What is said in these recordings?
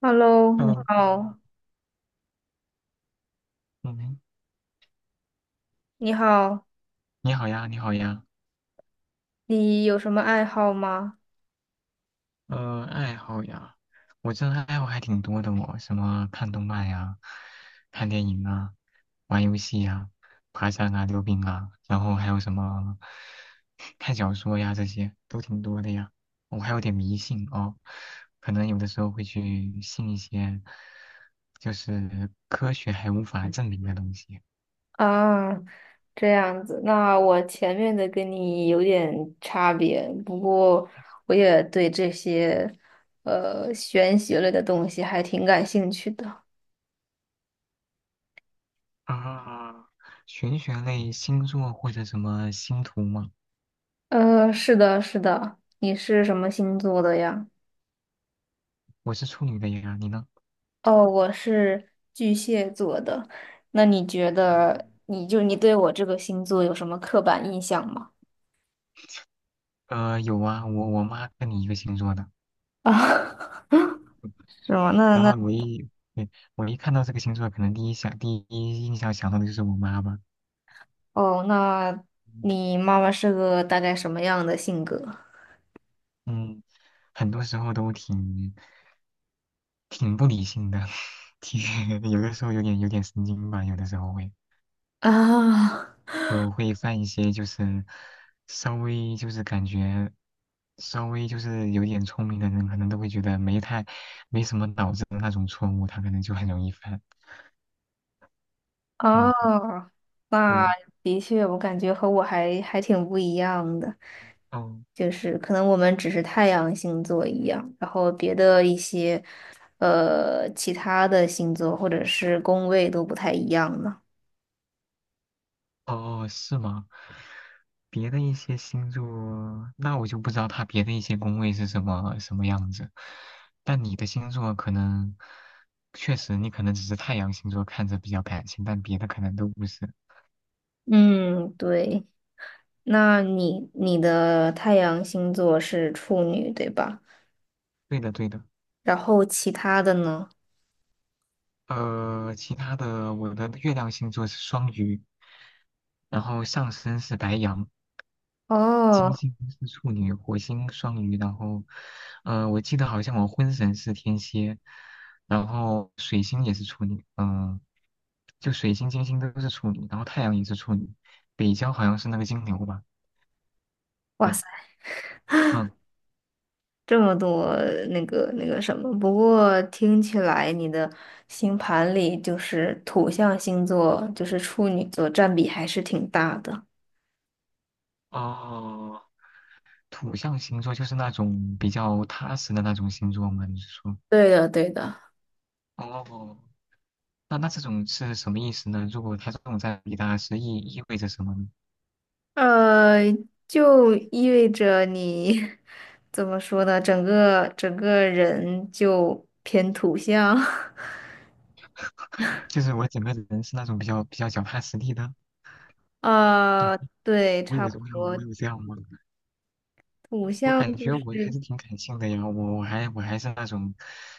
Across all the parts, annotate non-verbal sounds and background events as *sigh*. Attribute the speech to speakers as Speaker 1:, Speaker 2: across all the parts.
Speaker 1: Hello，你
Speaker 2: 嗯
Speaker 1: 好，
Speaker 2: 嗯，
Speaker 1: 你好，
Speaker 2: 你好呀，你好呀。
Speaker 1: 你有什么爱好吗？
Speaker 2: 爱好呀，我这爱好还挺多的哦，什么看动漫呀，看电影啊，玩游戏呀，爬山啊，溜冰啊，然后还有什么看小说呀，这些都挺多的呀。我还有点迷信哦，可能有的时候会去信一些就是科学还无法证明的东西。
Speaker 1: 啊，这样子，那我前面的跟你有点差别，不过我也对这些玄学类的东西还挺感兴趣的。
Speaker 2: 啊，玄学类星座或者什么星图吗？
Speaker 1: 呃，是的，是的，你是什么星座的呀？
Speaker 2: 我是处女的呀，你呢？
Speaker 1: 哦，我是巨蟹座的。那你觉得，你对我这个星座有什么刻板印象吗？
Speaker 2: 有啊，我妈跟你一个星座的，
Speaker 1: *laughs* 啊，是吗？那
Speaker 2: 然
Speaker 1: 那
Speaker 2: 后对，我一看到这个星座，可能第一印象想到的就是我妈吧。
Speaker 1: 哦，那你妈妈是个大概什么样的性格？
Speaker 2: 嗯，很多时候都挺不理性的，*laughs* 挺有的时候有点神经吧，有的时候会
Speaker 1: *laughs* 啊
Speaker 2: 会犯一些就是稍微就是感觉稍微就是有点聪明的人，可能都会觉得没什么脑子的那种错误，他可能就很容易犯。
Speaker 1: 啊，
Speaker 2: 嗯，
Speaker 1: 那
Speaker 2: 对，
Speaker 1: 的确，我感觉和我还挺不一样的，
Speaker 2: 哦
Speaker 1: 就是可能我们只是太阳星座一样，然后别的一些其他的星座或者是宫位都不太一样了。
Speaker 2: 哦，是吗？别的一些星座，那我就不知道它别的一些宫位是什么什么样子。但你的星座可能确实，你可能只是太阳星座看着比较感性，但别的可能都不是。
Speaker 1: 嗯，对，那你的太阳星座是处女，对吧？
Speaker 2: 对的，对的。
Speaker 1: 然后其他的呢？
Speaker 2: 其他的，我的月亮星座是双鱼，然后上升是白羊。金
Speaker 1: 哦。
Speaker 2: 星是处女，火星双鱼，然后，我记得好像我婚神是天蝎，然后水星也是处女，就水星、金星都是处女，然后太阳也是处女，北交好像是那个金牛吧？
Speaker 1: 哇
Speaker 2: 对，
Speaker 1: 塞。
Speaker 2: 嗯，
Speaker 1: 这么多那个什么，不过听起来你的星盘里就是土象星座，就是处女座占比还是挺大的。
Speaker 2: 哦，土象星座就是那种比较踏实的那种星座吗？你是说？
Speaker 1: 对的，对的，
Speaker 2: 哦，那这种是什么意思呢？如果他这种在比大，是意味着什么呢？
Speaker 1: 呃，就意味着你 *laughs* 怎么说呢？整个人就偏土象，
Speaker 2: 就是我整个人是那种比较脚踏实地的。
Speaker 1: *laughs* 啊、对，
Speaker 2: 我有
Speaker 1: 差
Speaker 2: 我
Speaker 1: 不
Speaker 2: 有我
Speaker 1: 多。
Speaker 2: 有这样吗？我感觉我还是挺感性的呀，我还是那种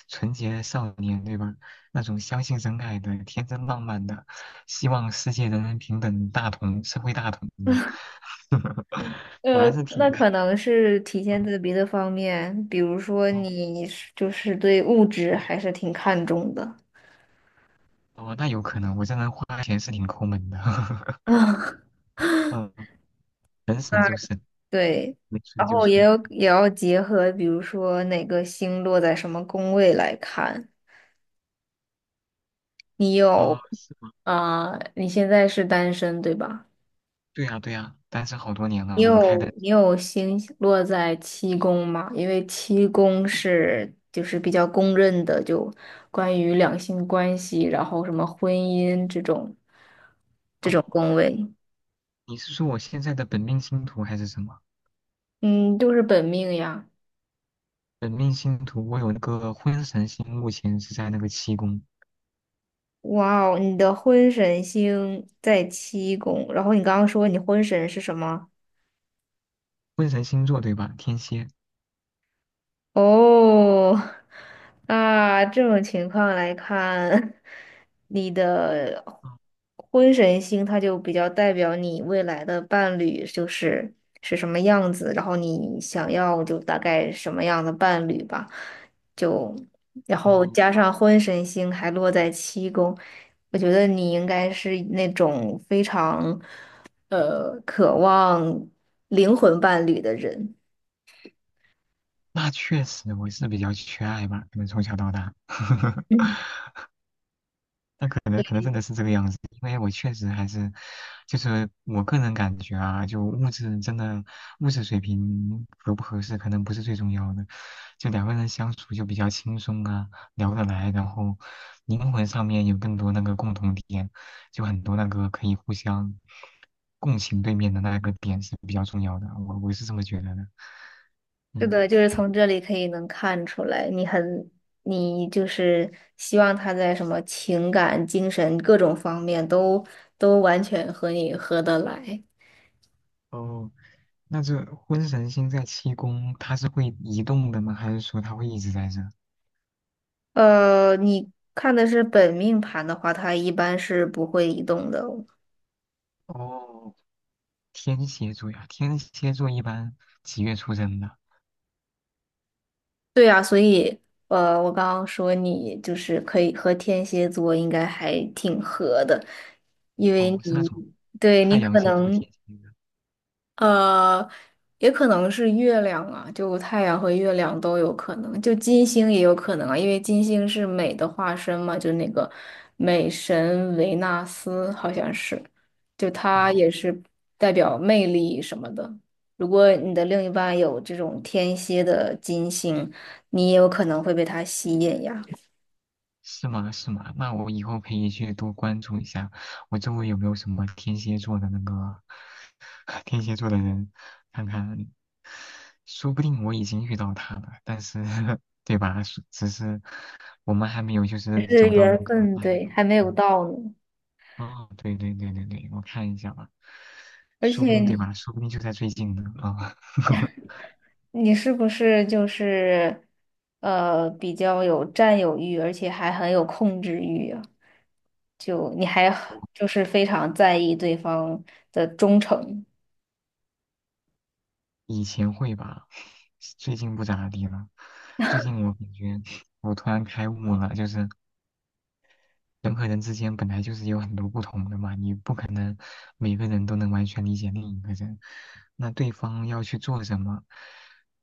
Speaker 2: 纯洁少年，对吧？那种相信真爱的、天真浪漫的，希望世界人人平等、大同社会大同的。*laughs* 我
Speaker 1: 呃，
Speaker 2: 还是挺……
Speaker 1: 那可能是体现在别的方面，比如说
Speaker 2: 哦
Speaker 1: 你是就是对物质还是挺看重的
Speaker 2: 哦，那有可能，我这人花钱是挺抠门的。*laughs*
Speaker 1: 啊，
Speaker 2: 嗯，能省就省，
Speaker 1: *laughs* 对，
Speaker 2: 能存
Speaker 1: 然
Speaker 2: 就
Speaker 1: 后
Speaker 2: 存。
Speaker 1: 也要结合，比如说哪个星落在什么宫位来看。你
Speaker 2: 哦，
Speaker 1: 有
Speaker 2: 是吗？
Speaker 1: 啊，你现在是单身对吧？
Speaker 2: 对呀对呀，单身好多年了，
Speaker 1: 你
Speaker 2: 母胎
Speaker 1: 有
Speaker 2: 单
Speaker 1: 你有星落在七宫吗？因为七宫是就是比较公认的，就关于两性关系，然后什么婚姻这种这
Speaker 2: 身。
Speaker 1: 种
Speaker 2: 哦，
Speaker 1: 宫位，
Speaker 2: 你是说我现在的本命星图还是什么？
Speaker 1: 嗯，就是本命呀。
Speaker 2: 本命星图，我有那个婚神星，目前是在那个七宫，
Speaker 1: 哇哦，你的婚神星在七宫，然后你刚刚说你婚神是什么？
Speaker 2: 婚神星座对吧？天蝎。
Speaker 1: 哦，那这种情况来看，你的婚神星它就比较代表你未来的伴侣就是是什么样子，然后你想要就大概什么样的伴侣吧，就然后
Speaker 2: 哦，
Speaker 1: 加上婚神星还落在七宫，我觉得你应该是那种非常渴望灵魂伴侣的人。
Speaker 2: 那确实，我是比较缺爱吧，可能从小到大。*laughs* 那可能真的是这个样子，因为我确实还是，就是我个人感觉啊，就物质水平合不合适，可能不是最重要的，就两个人相处就比较轻松啊，聊得来，然后灵魂上面有更多那个共同点，就很多那个可以互相共情对面的那个点是比较重要的，我是这么觉得的，
Speaker 1: 是
Speaker 2: 嗯，
Speaker 1: 的，就是从这里可以能看出来，你很，你就是希望他在什么情感、精神各种方面都都完全和你合得来。
Speaker 2: 哦，那这婚神星在七宫，它是会移动的吗？还是说它会一直在这？
Speaker 1: 呃，你看的是本命盘的话，它一般是不会移动的哦
Speaker 2: 哦，天蝎座呀，天蝎座一般几月出生的？
Speaker 1: 对啊，所以呃，我刚刚说你就是可以和天蝎座应该还挺合的，因为
Speaker 2: 哦，是那
Speaker 1: 你
Speaker 2: 种
Speaker 1: 对你
Speaker 2: 太阳
Speaker 1: 可
Speaker 2: 星座
Speaker 1: 能
Speaker 2: 天蝎的。
Speaker 1: 呃，也可能是月亮啊，就太阳和月亮都有可能，就金星也有可能啊，因为金星是美的化身嘛，就那个美神维纳斯好像是，就它
Speaker 2: 哦，
Speaker 1: 也是代表魅力什么的。如果你的另一半有这种天蝎的金星，你也有可能会被它吸引呀。
Speaker 2: 是吗？是吗？那我以后可以去多关注一下，我周围有没有什么天蝎座的那个 *laughs* 天蝎座的人，看看，说不定我已经遇到他了，但是 *laughs* 对吧？是只是我们还没有就
Speaker 1: 只
Speaker 2: 是
Speaker 1: 是
Speaker 2: 走到那
Speaker 1: 缘
Speaker 2: 个
Speaker 1: 分，
Speaker 2: 那一
Speaker 1: 对，
Speaker 2: 步。
Speaker 1: 还没有
Speaker 2: 嗯
Speaker 1: 到呢。
Speaker 2: 哦，对对对对对，我看一下吧，
Speaker 1: 而
Speaker 2: 说不
Speaker 1: 且
Speaker 2: 定对
Speaker 1: 你
Speaker 2: 吧？说不定就在最近呢啊，*laughs*
Speaker 1: 你是不是就是比较有占有欲，而且还很有控制欲啊？就你还就是非常在意对方的忠诚，
Speaker 2: 以前会吧，最近不咋地了。最近我感觉我突然开悟了，就是人和人之间本来就是有很多不同的嘛，你不可能每个人都能完全理解另一个人。那对方要去做什么，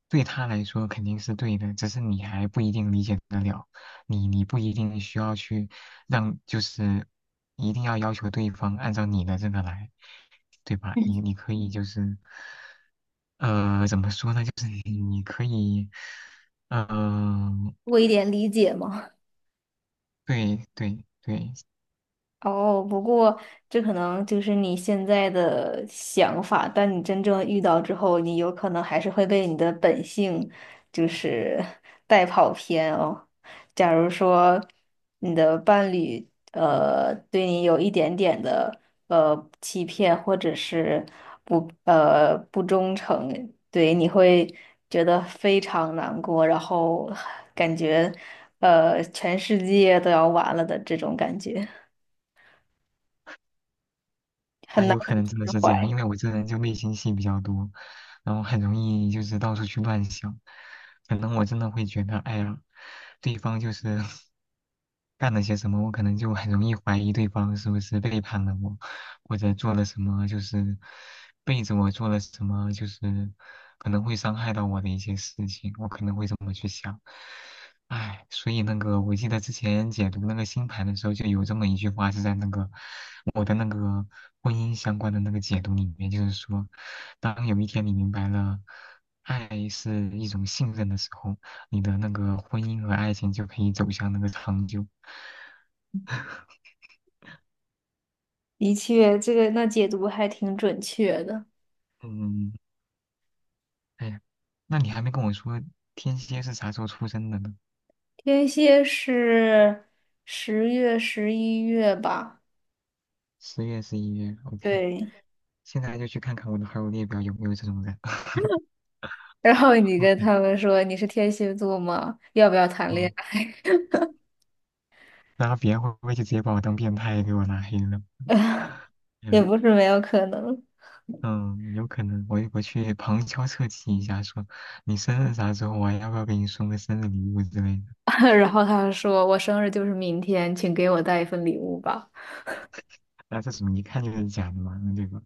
Speaker 2: 对他来说肯定是对的，只是你还不一定理解得了，你不一定需要去就是一定要要求对方按照你的这个来，对吧？你可以就是怎么说呢？就是你可以呃，
Speaker 1: 多一点理解吗？
Speaker 2: 对对对，
Speaker 1: 哦，不过这可能就是你现在的想法，但你真正遇到之后，你有可能还是会被你的本性就是 *laughs* 带跑偏哦。假如说你的伴侣对你有一点点的欺骗或者是不忠诚，对，你会觉得非常难过，然后 *laughs* 感觉全世界都要完了的这种感觉。很
Speaker 2: 哎，
Speaker 1: 难
Speaker 2: 有可
Speaker 1: 去
Speaker 2: 能真的
Speaker 1: 释
Speaker 2: 是这样，
Speaker 1: 怀。
Speaker 2: 因为我这人就内心戏比较多，然后很容易就是到处去乱想，可能我真的会觉得，哎呀，对方就是 *laughs* 干了些什么，我可能就很容易怀疑对方是不是背叛了我，或者做了什么就是背着我做了什么，就是可能会伤害到我的一些事情，我可能会这么去想。唉，所以那个，我记得之前解读那个星盘的时候，就有这么一句话是在那个我的那个婚姻相关的那个解读里面，就是说，当有一天你明白了爱是一种信任的时候，你的那个婚姻和爱情就可以走向那个长久。
Speaker 1: 的确，这个那解读还挺准确的。
Speaker 2: 嗯，哎呀，那你还没跟我说天蝎是啥时候出生的呢？
Speaker 1: 天蝎是10月、11月吧？
Speaker 2: 10月、11月，OK,
Speaker 1: 对。
Speaker 2: 现在就去看看我的好友列表有没有这种人。*laughs*
Speaker 1: 然后你跟
Speaker 2: OK,
Speaker 1: 他们说你是天蝎座吗？要不要谈恋
Speaker 2: 嗯。
Speaker 1: 爱？
Speaker 2: 然后别人会不会就直接把我当变态给我拉黑了？
Speaker 1: *laughs* 也
Speaker 2: 嗯
Speaker 1: 不是没有可能。
Speaker 2: 嗯，有可能，我去旁敲侧击一下说，你生日啥时候我要不要给你送个生日礼物之类的？
Speaker 1: *laughs* 然后他说我生日就是明天，请给我带一份礼物吧。
Speaker 2: 那这么一看就是假的嘛，对吧？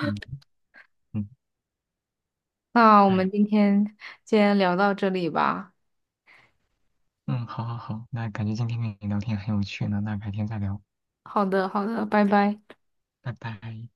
Speaker 2: 嗯嗯，
Speaker 1: 那我们
Speaker 2: 哎，
Speaker 1: 今天先聊到这里吧。
Speaker 2: 嗯，好好好，那感觉今天跟你聊天很有趣呢，那改天再聊，
Speaker 1: 好的，好的，拜拜。
Speaker 2: 拜拜。